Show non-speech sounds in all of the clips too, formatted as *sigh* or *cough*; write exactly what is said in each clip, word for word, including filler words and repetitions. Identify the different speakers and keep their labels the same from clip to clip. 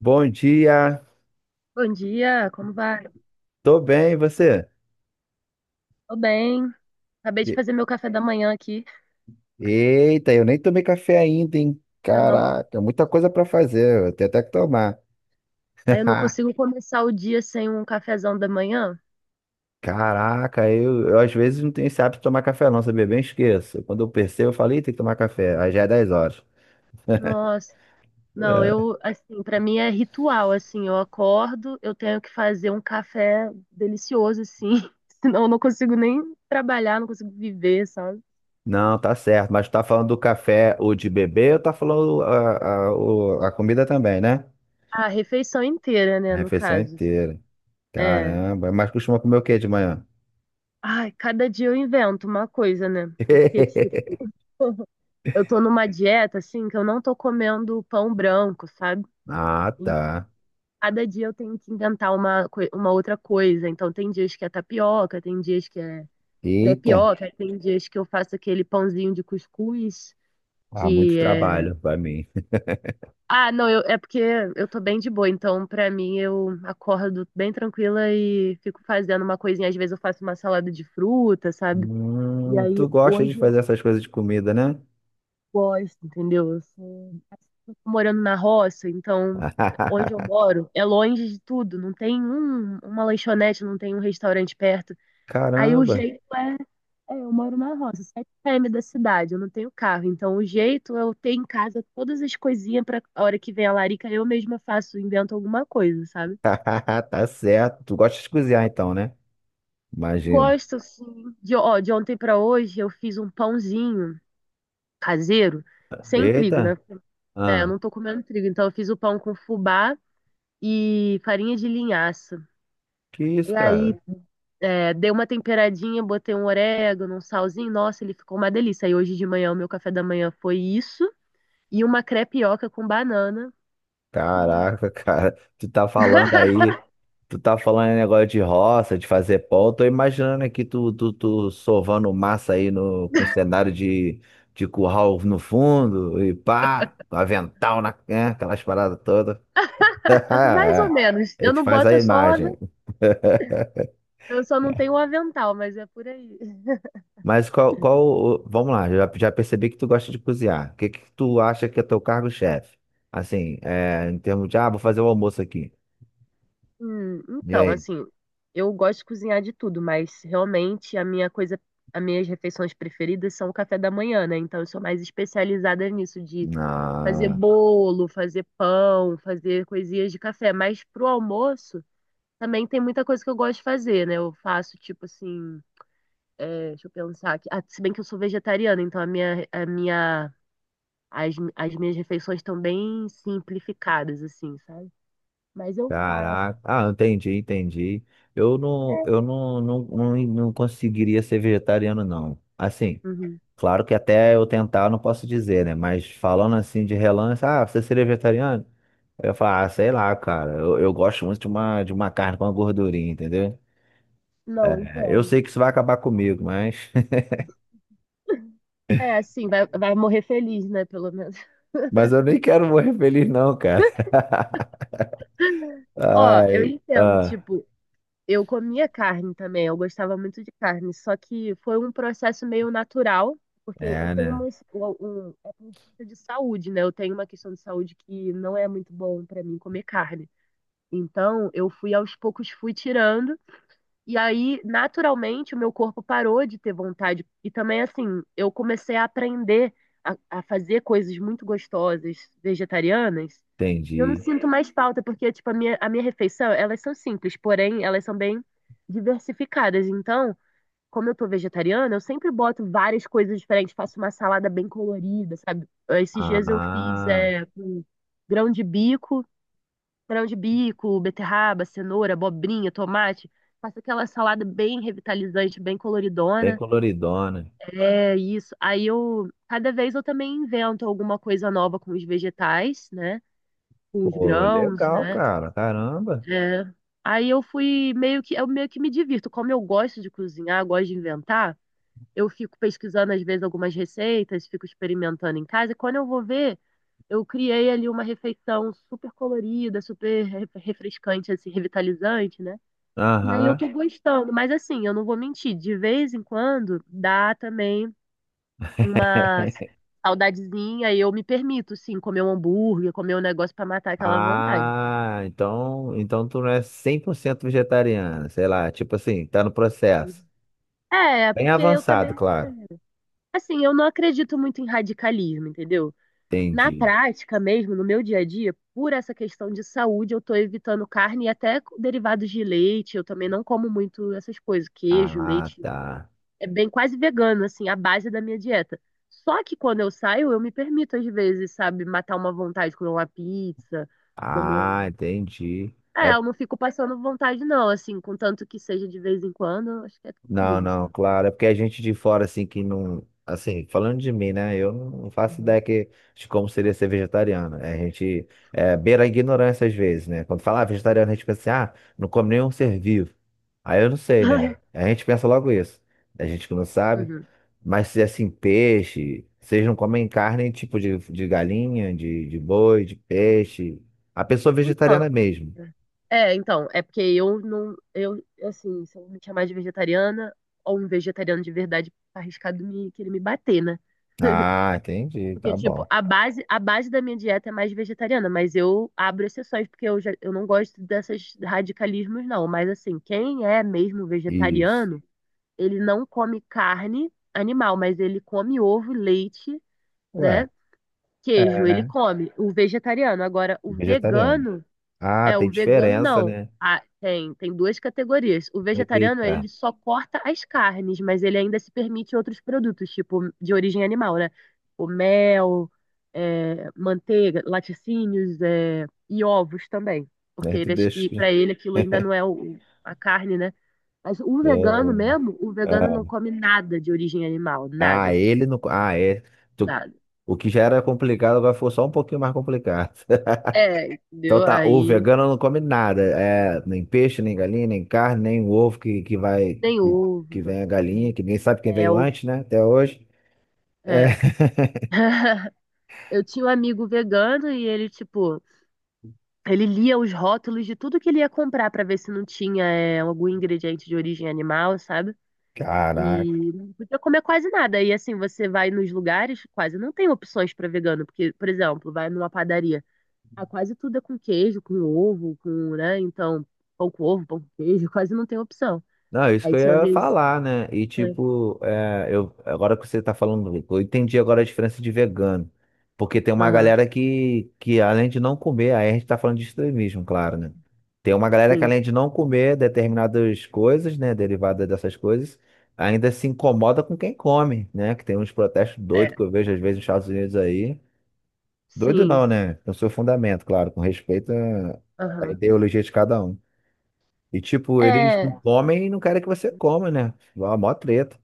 Speaker 1: Bom dia,
Speaker 2: Bom dia, como vai?
Speaker 1: tô bem, e você?
Speaker 2: Tô bem. Acabei de
Speaker 1: E-
Speaker 2: fazer meu café da manhã aqui,
Speaker 1: Eita, eu nem tomei café ainda, hein?
Speaker 2: ainda não.
Speaker 1: Caraca, muita coisa pra fazer, eu tenho até que tomar.
Speaker 2: Aí eu não
Speaker 1: *laughs*
Speaker 2: consigo começar o dia sem um cafezão da manhã.
Speaker 1: Caraca, eu, eu às vezes não tenho esse hábito de tomar café não, sabia? Bem esqueço. Quando eu percebo, eu falei, tem que tomar café, aí já é dez horas.
Speaker 2: Nossa, não, eu, assim, pra mim é ritual, assim, eu acordo, eu tenho que fazer um café delicioso, assim, *laughs* senão eu não consigo nem trabalhar, não consigo viver, sabe?
Speaker 1: Não, tá certo, mas tu tá falando do café, o de beber, ou tá falando a, a, o- a comida também, né?
Speaker 2: A refeição inteira,
Speaker 1: A
Speaker 2: né, no
Speaker 1: refeição
Speaker 2: caso. Assim.
Speaker 1: inteira.
Speaker 2: É.
Speaker 1: Caramba, mas costuma comer o quê de manhã?
Speaker 2: Ai, cada dia eu invento uma coisa, né? Porque, tipo,
Speaker 1: *laughs*
Speaker 2: eu tô numa dieta, assim, que eu não tô comendo pão branco, sabe?
Speaker 1: Ah,
Speaker 2: Em
Speaker 1: tá.
Speaker 2: cada dia eu tenho que inventar uma, coi- uma outra coisa. Então, tem dias que é tapioca, tem dias que é
Speaker 1: Eita.
Speaker 2: crepioca, tem dias que eu faço aquele pãozinho de cuscuz,
Speaker 1: Ah,
Speaker 2: que
Speaker 1: muito
Speaker 2: é...
Speaker 1: trabalho pra mim.
Speaker 2: Ah, não, eu, é porque eu tô bem de boa, então, pra mim, eu acordo bem tranquila e fico fazendo uma coisinha. Às vezes eu faço uma salada de fruta, sabe? E
Speaker 1: Hum,
Speaker 2: aí,
Speaker 1: tu gosta de
Speaker 2: hoje eu
Speaker 1: fazer essas coisas de comida, né?
Speaker 2: gosto, entendeu? Morando na roça, então onde eu
Speaker 1: *laughs*
Speaker 2: moro é longe de tudo, não tem um, uma lanchonete, não tem um restaurante perto. Aí o
Speaker 1: Caramba.
Speaker 2: jeito é, é, eu moro na roça, sete quilômetros da cidade, eu não tenho carro, então o jeito é eu ter em casa todas as coisinhas para a hora que vem a larica, eu mesma faço, invento alguma coisa, sabe?
Speaker 1: *laughs* Tá certo. Tu gosta de cozinhar então, né? Imagino.
Speaker 2: Gosto, sim. De, ó, de ontem para hoje eu fiz um pãozinho caseiro, sem trigo,
Speaker 1: Eita.
Speaker 2: né? É, eu
Speaker 1: Ah,
Speaker 2: não tô comendo trigo, então eu fiz o pão com fubá e farinha de linhaça.
Speaker 1: que isso,
Speaker 2: E aí
Speaker 1: cara?
Speaker 2: é, dei uma temperadinha, botei um orégano, um salzinho, nossa, ele ficou uma delícia. E hoje de manhã, o meu café da manhã foi isso, e uma crepioca com banana. Nossa.
Speaker 1: Caraca, *laughs* cara. Tu tá falando
Speaker 2: *laughs*
Speaker 1: aí, tu tá falando em negócio de roça, de fazer pão. Eu tô imaginando aqui tu, tu, tu sovando massa aí no, com cenário de, de curral no fundo e pá, com avental na, né, aquelas paradas todas. *laughs*
Speaker 2: Mais ou menos.
Speaker 1: A
Speaker 2: Eu
Speaker 1: gente
Speaker 2: não
Speaker 1: faz a
Speaker 2: boto só o
Speaker 1: imagem.
Speaker 2: aven- eu só não
Speaker 1: Né?
Speaker 2: tenho o avental, mas é por aí.
Speaker 1: Mas qual, qual, o- vamos lá, já, já percebi que tu gosta de cozinhar. O que que tu acha que é teu cargo-chefe? Assim, é, em termos de, ah, vou fazer o almoço aqui.
Speaker 2: Hum,
Speaker 1: E
Speaker 2: então,
Speaker 1: aí?
Speaker 2: assim, eu gosto de cozinhar de tudo, mas realmente a minha coisa, as minhas refeições preferidas são o café da manhã, né? Então eu sou mais especializada nisso, de fazer
Speaker 1: Ah,
Speaker 2: bolo, fazer pão, fazer coisinhas de café. Mas pro almoço. Também tem muita coisa que eu gosto de fazer, né? Eu faço, tipo assim, é, deixa eu pensar aqui. Ah, se bem que eu sou vegetariana, então a minha, a minha, as, as minhas refeições estão bem simplificadas, assim, sabe? Mas eu faço.
Speaker 1: caraca. Ah, entendi, entendi. Eu não, eu não, não, não, não conseguiria ser vegetariano, não. Assim,
Speaker 2: Uhum.
Speaker 1: claro que até eu tentar eu não posso dizer, né? Mas falando assim de relance, ah, você seria vegetariano? Eu ia falar, ah, sei lá, cara. Eu, eu gosto muito de uma, de uma carne com uma gordurinha, entendeu?
Speaker 2: Não,
Speaker 1: É, eu
Speaker 2: então.
Speaker 1: sei que isso vai acabar comigo, mas. *laughs*
Speaker 2: É, assim, vai, vai morrer feliz, né? Pelo menos.
Speaker 1: Mas eu nem quero morrer feliz, não, cara. *laughs*
Speaker 2: *laughs* Ó, eu
Speaker 1: Ai.
Speaker 2: entendo,
Speaker 1: Ah,
Speaker 2: tipo, eu comia carne também, eu gostava muito de carne, só que foi um processo meio natural, porque eu
Speaker 1: é,
Speaker 2: tenho
Speaker 1: né?
Speaker 2: um, de saúde, né? Eu tenho uma questão de saúde que não é muito bom pra mim comer carne. Então, eu fui aos poucos fui tirando e aí naturalmente o meu corpo parou de ter vontade e também assim, eu comecei a aprender a, a fazer coisas muito gostosas vegetarianas e eu não
Speaker 1: Entendi.
Speaker 2: sinto mais falta porque tipo a minha a minha refeição, elas são simples, porém elas são bem diversificadas. Então, como eu tô vegetariana, eu sempre boto várias coisas diferentes, faço uma salada bem colorida, sabe? Esses dias eu fiz
Speaker 1: Ah,
Speaker 2: é, com grão de bico, grão de bico, beterraba, cenoura, abobrinha, tomate. Faço aquela salada bem revitalizante, bem
Speaker 1: bem
Speaker 2: coloridona.
Speaker 1: coloridona.
Speaker 2: É isso. Aí eu, cada vez eu também invento alguma coisa nova com os vegetais, né? Com os
Speaker 1: Pô,
Speaker 2: grãos,
Speaker 1: legal,
Speaker 2: né?
Speaker 1: cara. Caramba.
Speaker 2: É. Aí eu fui meio que, eu meio que me divirto. Como eu gosto de cozinhar, gosto de inventar, eu fico pesquisando, às vezes, algumas receitas, fico experimentando em casa, e quando eu vou ver, eu criei ali uma refeição super colorida, super re- refrescante, assim, revitalizante, né? E aí eu
Speaker 1: Aham.
Speaker 2: tô gostando, mas assim, eu não vou mentir, de vez em quando dá também uma saudadezinha e eu me permito, sim, comer um hambúrguer, comer um negócio pra matar aquela vontade.
Speaker 1: Ah, então, então tu não é cem por cento vegetariana, sei lá, tipo assim, tá no processo.
Speaker 2: É,
Speaker 1: Bem
Speaker 2: porque eu também,
Speaker 1: avançado,
Speaker 2: é,
Speaker 1: claro.
Speaker 2: assim, eu não acredito muito em radicalismo, entendeu? Na
Speaker 1: Entendi.
Speaker 2: prática mesmo, no meu dia a dia, por essa questão de saúde, eu estou evitando carne e até derivados de leite. Eu também não como muito essas coisas, queijo,
Speaker 1: Ah,
Speaker 2: leite.
Speaker 1: tá.
Speaker 2: É bem quase vegano, assim, a base da minha dieta. Só que quando eu saio, eu me permito, às vezes, sabe, matar uma vontade, comer uma pizza, comer
Speaker 1: Ah,
Speaker 2: um.
Speaker 1: entendi. É,
Speaker 2: É, eu não fico passando vontade, não, assim, contanto que seja de vez em quando, eu acho que é
Speaker 1: não,
Speaker 2: tranquilo,
Speaker 1: não,
Speaker 2: sabe?
Speaker 1: claro. É porque a gente de fora, assim, que não. Assim, falando de mim, né? Eu não faço
Speaker 2: Uhum.
Speaker 1: ideia que, de como seria ser vegetariano. É, a gente é, beira a ignorância às vezes, né? Quando fala ah, vegetariano, a gente pensa assim, ah, não come nenhum ser vivo. Aí eu não sei, né?
Speaker 2: *laughs*
Speaker 1: A gente pensa logo isso. A gente que não sabe.
Speaker 2: Uhum.
Speaker 1: Mas se é, assim, peixe, vocês não comem carne tipo de, de galinha, de, de boi, de peixe. A pessoa
Speaker 2: Então,
Speaker 1: vegetariana mesmo.
Speaker 2: é, então, é porque eu não, eu, assim, se eu me chamar de vegetariana ou um vegetariano de verdade, tá arriscado me querer me bater, né?
Speaker 1: Ah, entendi,
Speaker 2: Porque,
Speaker 1: tá
Speaker 2: tipo,
Speaker 1: bom.
Speaker 2: a base, a base da minha dieta é mais vegetariana, mas eu abro exceções, porque eu, já, eu não gosto desses radicalismos, não. Mas, assim, quem é mesmo
Speaker 1: Isso.
Speaker 2: vegetariano, ele não come carne animal, mas ele come ovo, leite,
Speaker 1: Ué,
Speaker 2: né?
Speaker 1: é,
Speaker 2: Queijo, ele
Speaker 1: é
Speaker 2: come. O vegetariano. Agora, o
Speaker 1: vegetariano.
Speaker 2: vegano
Speaker 1: Ah,
Speaker 2: é, o
Speaker 1: tem
Speaker 2: vegano
Speaker 1: diferença,
Speaker 2: não.
Speaker 1: né?
Speaker 2: Ah, tem, tem duas categorias. O vegetariano,
Speaker 1: Eita,
Speaker 2: ele só corta as carnes, mas ele ainda se permite outros produtos, tipo de origem animal, né? O mel, é, manteiga, laticínios, é, e ovos também. Porque
Speaker 1: né? Tu
Speaker 2: ele acho
Speaker 1: deixa.
Speaker 2: que
Speaker 1: *laughs*
Speaker 2: para ele aquilo ainda
Speaker 1: É,
Speaker 2: não é o- a carne, né? Mas o vegano mesmo, o vegano não
Speaker 1: Ah,
Speaker 2: come nada de origem animal,
Speaker 1: ah,
Speaker 2: nada, tipo,
Speaker 1: ele não. Ah, é. Tu-
Speaker 2: nada.
Speaker 1: O que já era complicado agora ficou só um pouquinho mais complicado. *laughs*
Speaker 2: É,
Speaker 1: Então
Speaker 2: entendeu?
Speaker 1: tá, o
Speaker 2: Aí
Speaker 1: vegano não come nada. É, nem peixe, nem galinha, nem carne, nem ovo que, que vai.
Speaker 2: nem
Speaker 1: Que
Speaker 2: ovo,
Speaker 1: que vem a
Speaker 2: nem
Speaker 1: galinha,
Speaker 2: leite,
Speaker 1: que ninguém sabe quem veio
Speaker 2: mel.
Speaker 1: antes, né? Até hoje. É.
Speaker 2: É. Eu tinha um amigo vegano e ele, tipo, ele lia os rótulos de tudo que ele ia comprar pra ver se não tinha é, algum ingrediente de origem animal, sabe? E
Speaker 1: Caraca.
Speaker 2: não podia comer quase nada. E assim, você vai nos lugares, quase não tem opções pra vegano, porque, por exemplo, vai numa padaria, ah, quase tudo é com queijo, com ovo, com, né? Então, pão com ovo, pão com queijo, *laughs* quase não tem opção.
Speaker 1: Não, isso que
Speaker 2: Aí
Speaker 1: eu
Speaker 2: tinha
Speaker 1: ia
Speaker 2: vezes.
Speaker 1: falar, né? E
Speaker 2: É,
Speaker 1: tipo, é, eu, agora que você tá falando, eu entendi agora a diferença de vegano. Porque tem uma
Speaker 2: aham,
Speaker 1: galera que, que além de não comer, aí a gente tá falando de extremismo, claro, né? Tem uma galera que
Speaker 2: sim.
Speaker 1: além de não comer determinadas coisas, né, derivadas dessas coisas, ainda se incomoda com quem come, né? Que tem uns protestos doidos
Speaker 2: É,
Speaker 1: que eu vejo às vezes nos Estados Unidos aí. Doido
Speaker 2: sim.
Speaker 1: não, né? No seu fundamento, claro, com respeito à à
Speaker 2: Aham.
Speaker 1: ideologia de cada um. E tipo, eles não
Speaker 2: É,
Speaker 1: comem e não querem que você coma, né? Mó mó treta.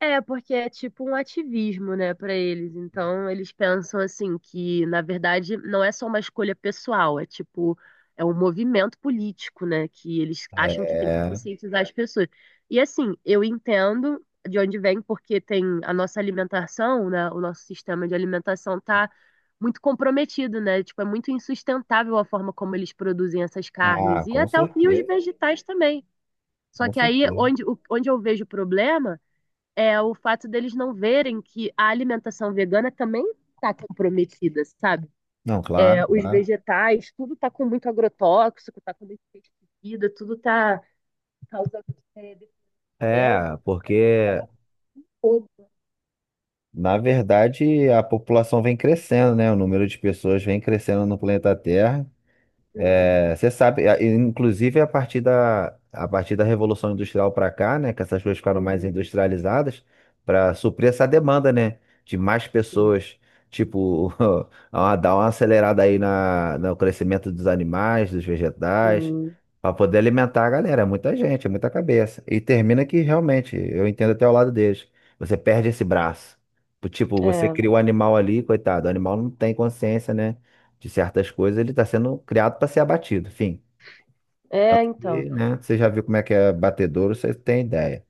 Speaker 2: é, porque é tipo um ativismo, né, para eles. Então, eles pensam assim que, na verdade, não é só uma escolha pessoal, é tipo é um movimento político, né, que eles acham que tem que
Speaker 1: É.
Speaker 2: conscientizar as pessoas. E assim, eu entendo de onde vem, porque tem a nossa alimentação, né, o nosso sistema de alimentação tá muito comprometido, né? Tipo, é muito insustentável a forma como eles produzem essas
Speaker 1: Ah,
Speaker 2: carnes e
Speaker 1: com
Speaker 2: até o- e os
Speaker 1: certeza.
Speaker 2: vegetais também. Só
Speaker 1: Com
Speaker 2: que aí
Speaker 1: certeza.
Speaker 2: onde, o- onde eu vejo o problema é o fato deles não verem que a alimentação vegana também está comprometida, sabe?
Speaker 1: Não,
Speaker 2: É,
Speaker 1: claro,
Speaker 2: os
Speaker 1: claro.
Speaker 2: vegetais, tudo está com muito agrotóxico, está com muito pesticida, tudo está causando é,
Speaker 1: É,
Speaker 2: desmatamento,
Speaker 1: porque
Speaker 2: fogo.
Speaker 1: na verdade a população vem crescendo, né? O número de pessoas vem crescendo no planeta Terra.
Speaker 2: Uhum,
Speaker 1: É, você sabe, a- inclusive a partir da, a partir da Revolução Industrial para cá, né, que essas coisas ficaram mais
Speaker 2: uhum,
Speaker 1: industrializadas, para suprir essa demanda, né, de mais
Speaker 2: uhum.
Speaker 1: pessoas, tipo, *laughs* a- dar uma acelerada aí na, no crescimento dos animais, dos vegetais,
Speaker 2: Hum,
Speaker 1: para poder alimentar a galera. É muita gente, é muita cabeça. E termina que realmente, eu entendo até o lado deles, você perde esse braço. Tipo, você
Speaker 2: é,
Speaker 1: cria o animal ali, coitado, o animal não tem consciência, né? De certas coisas, ele está sendo criado para ser abatido. Enfim.
Speaker 2: é,
Speaker 1: Tanto
Speaker 2: então.
Speaker 1: que, né, você já viu como é que é batedouro, você tem ideia.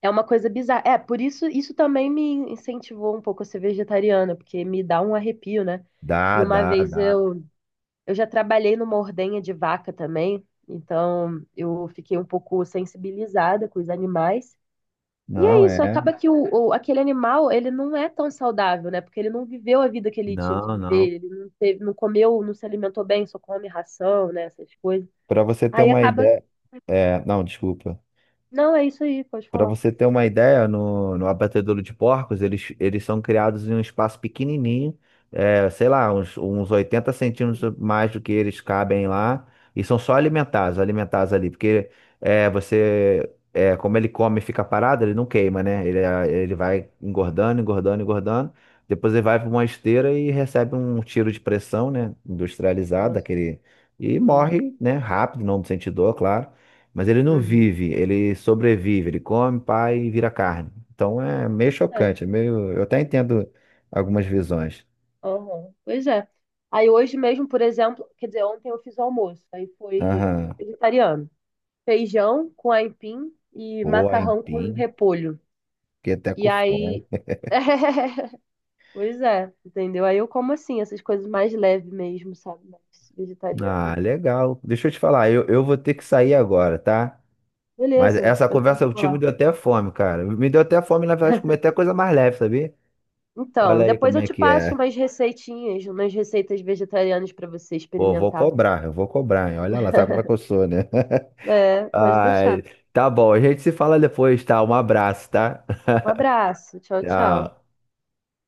Speaker 2: É uma coisa bizarra. É, por isso, isso também me incentivou um pouco a ser vegetariana, porque me dá um arrepio, né?
Speaker 1: Dá,
Speaker 2: E uma
Speaker 1: dá,
Speaker 2: vez
Speaker 1: dá.
Speaker 2: eu Eu já trabalhei numa ordenha de vaca também, então eu fiquei um pouco sensibilizada com os animais. E
Speaker 1: Não
Speaker 2: é isso,
Speaker 1: é.
Speaker 2: acaba que o, o- aquele animal, ele não é tão saudável, né? Porque ele não viveu a vida que ele tinha que
Speaker 1: Não, não.
Speaker 2: viver, ele não teve, não comeu, não se alimentou bem, só come ração, né? Essas coisas.
Speaker 1: Para você ter
Speaker 2: Aí
Speaker 1: uma
Speaker 2: acaba.
Speaker 1: ideia. É, não, desculpa.
Speaker 2: Não, é isso aí, pode
Speaker 1: Para
Speaker 2: falar.
Speaker 1: você ter uma ideia, no, no abatedouro de porcos, eles, eles são criados em um espaço pequenininho, é, sei lá, uns, uns oitenta centímetros mais do que eles cabem lá, e são só alimentados, alimentados ali, porque é, você, é, como ele come e fica parado, ele não queima, né? Ele, ah, ele vai engordando, engordando, engordando, depois ele vai para uma esteira e recebe um tiro de pressão, né? Industrializado,
Speaker 2: Nossa.
Speaker 1: daquele, e
Speaker 2: Uhum.
Speaker 1: morre, né? Rápido, não sente dor, claro. Mas ele não
Speaker 2: Uhum.
Speaker 1: vive, ele sobrevive, ele come, pai e vira carne. Então é meio
Speaker 2: É.
Speaker 1: chocante, é meio. Eu até entendo algumas visões.
Speaker 2: Uhum. Pois é. Aí hoje mesmo, por exemplo, quer dizer, ontem eu fiz o almoço, aí foi
Speaker 1: Aham.
Speaker 2: vegetariano. Feijão com aipim e
Speaker 1: Pô,
Speaker 2: macarrão com
Speaker 1: empim,
Speaker 2: repolho.
Speaker 1: fiquei até
Speaker 2: E
Speaker 1: com fome.
Speaker 2: aí. *laughs* Pois é, entendeu? Aí eu como assim, essas coisas mais leves mesmo, sabe? Mais vegetariano.
Speaker 1: Ah, legal. Deixa eu te falar, eu, eu vou ter que sair agora, tá? Mas
Speaker 2: Beleza,
Speaker 1: essa
Speaker 2: eu
Speaker 1: conversa
Speaker 2: também vou
Speaker 1: contigo me
Speaker 2: lá.
Speaker 1: deu até fome, cara. Me deu até fome, na verdade, comer até coisa mais leve, sabia?
Speaker 2: Então,
Speaker 1: Olha aí
Speaker 2: depois
Speaker 1: como
Speaker 2: eu
Speaker 1: é
Speaker 2: te
Speaker 1: que
Speaker 2: passo
Speaker 1: é.
Speaker 2: umas receitinhas, umas receitas vegetarianas para você
Speaker 1: Pô, vou
Speaker 2: experimentar.
Speaker 1: cobrar, eu vou cobrar, hein? Olha lá, sabe como é que eu sou, né?
Speaker 2: É,
Speaker 1: *laughs*
Speaker 2: pode
Speaker 1: Ai,
Speaker 2: deixar.
Speaker 1: tá bom, a gente se fala depois, tá? Um abraço, tá?
Speaker 2: Um abraço,
Speaker 1: *laughs*
Speaker 2: tchau, tchau.
Speaker 1: Tchau.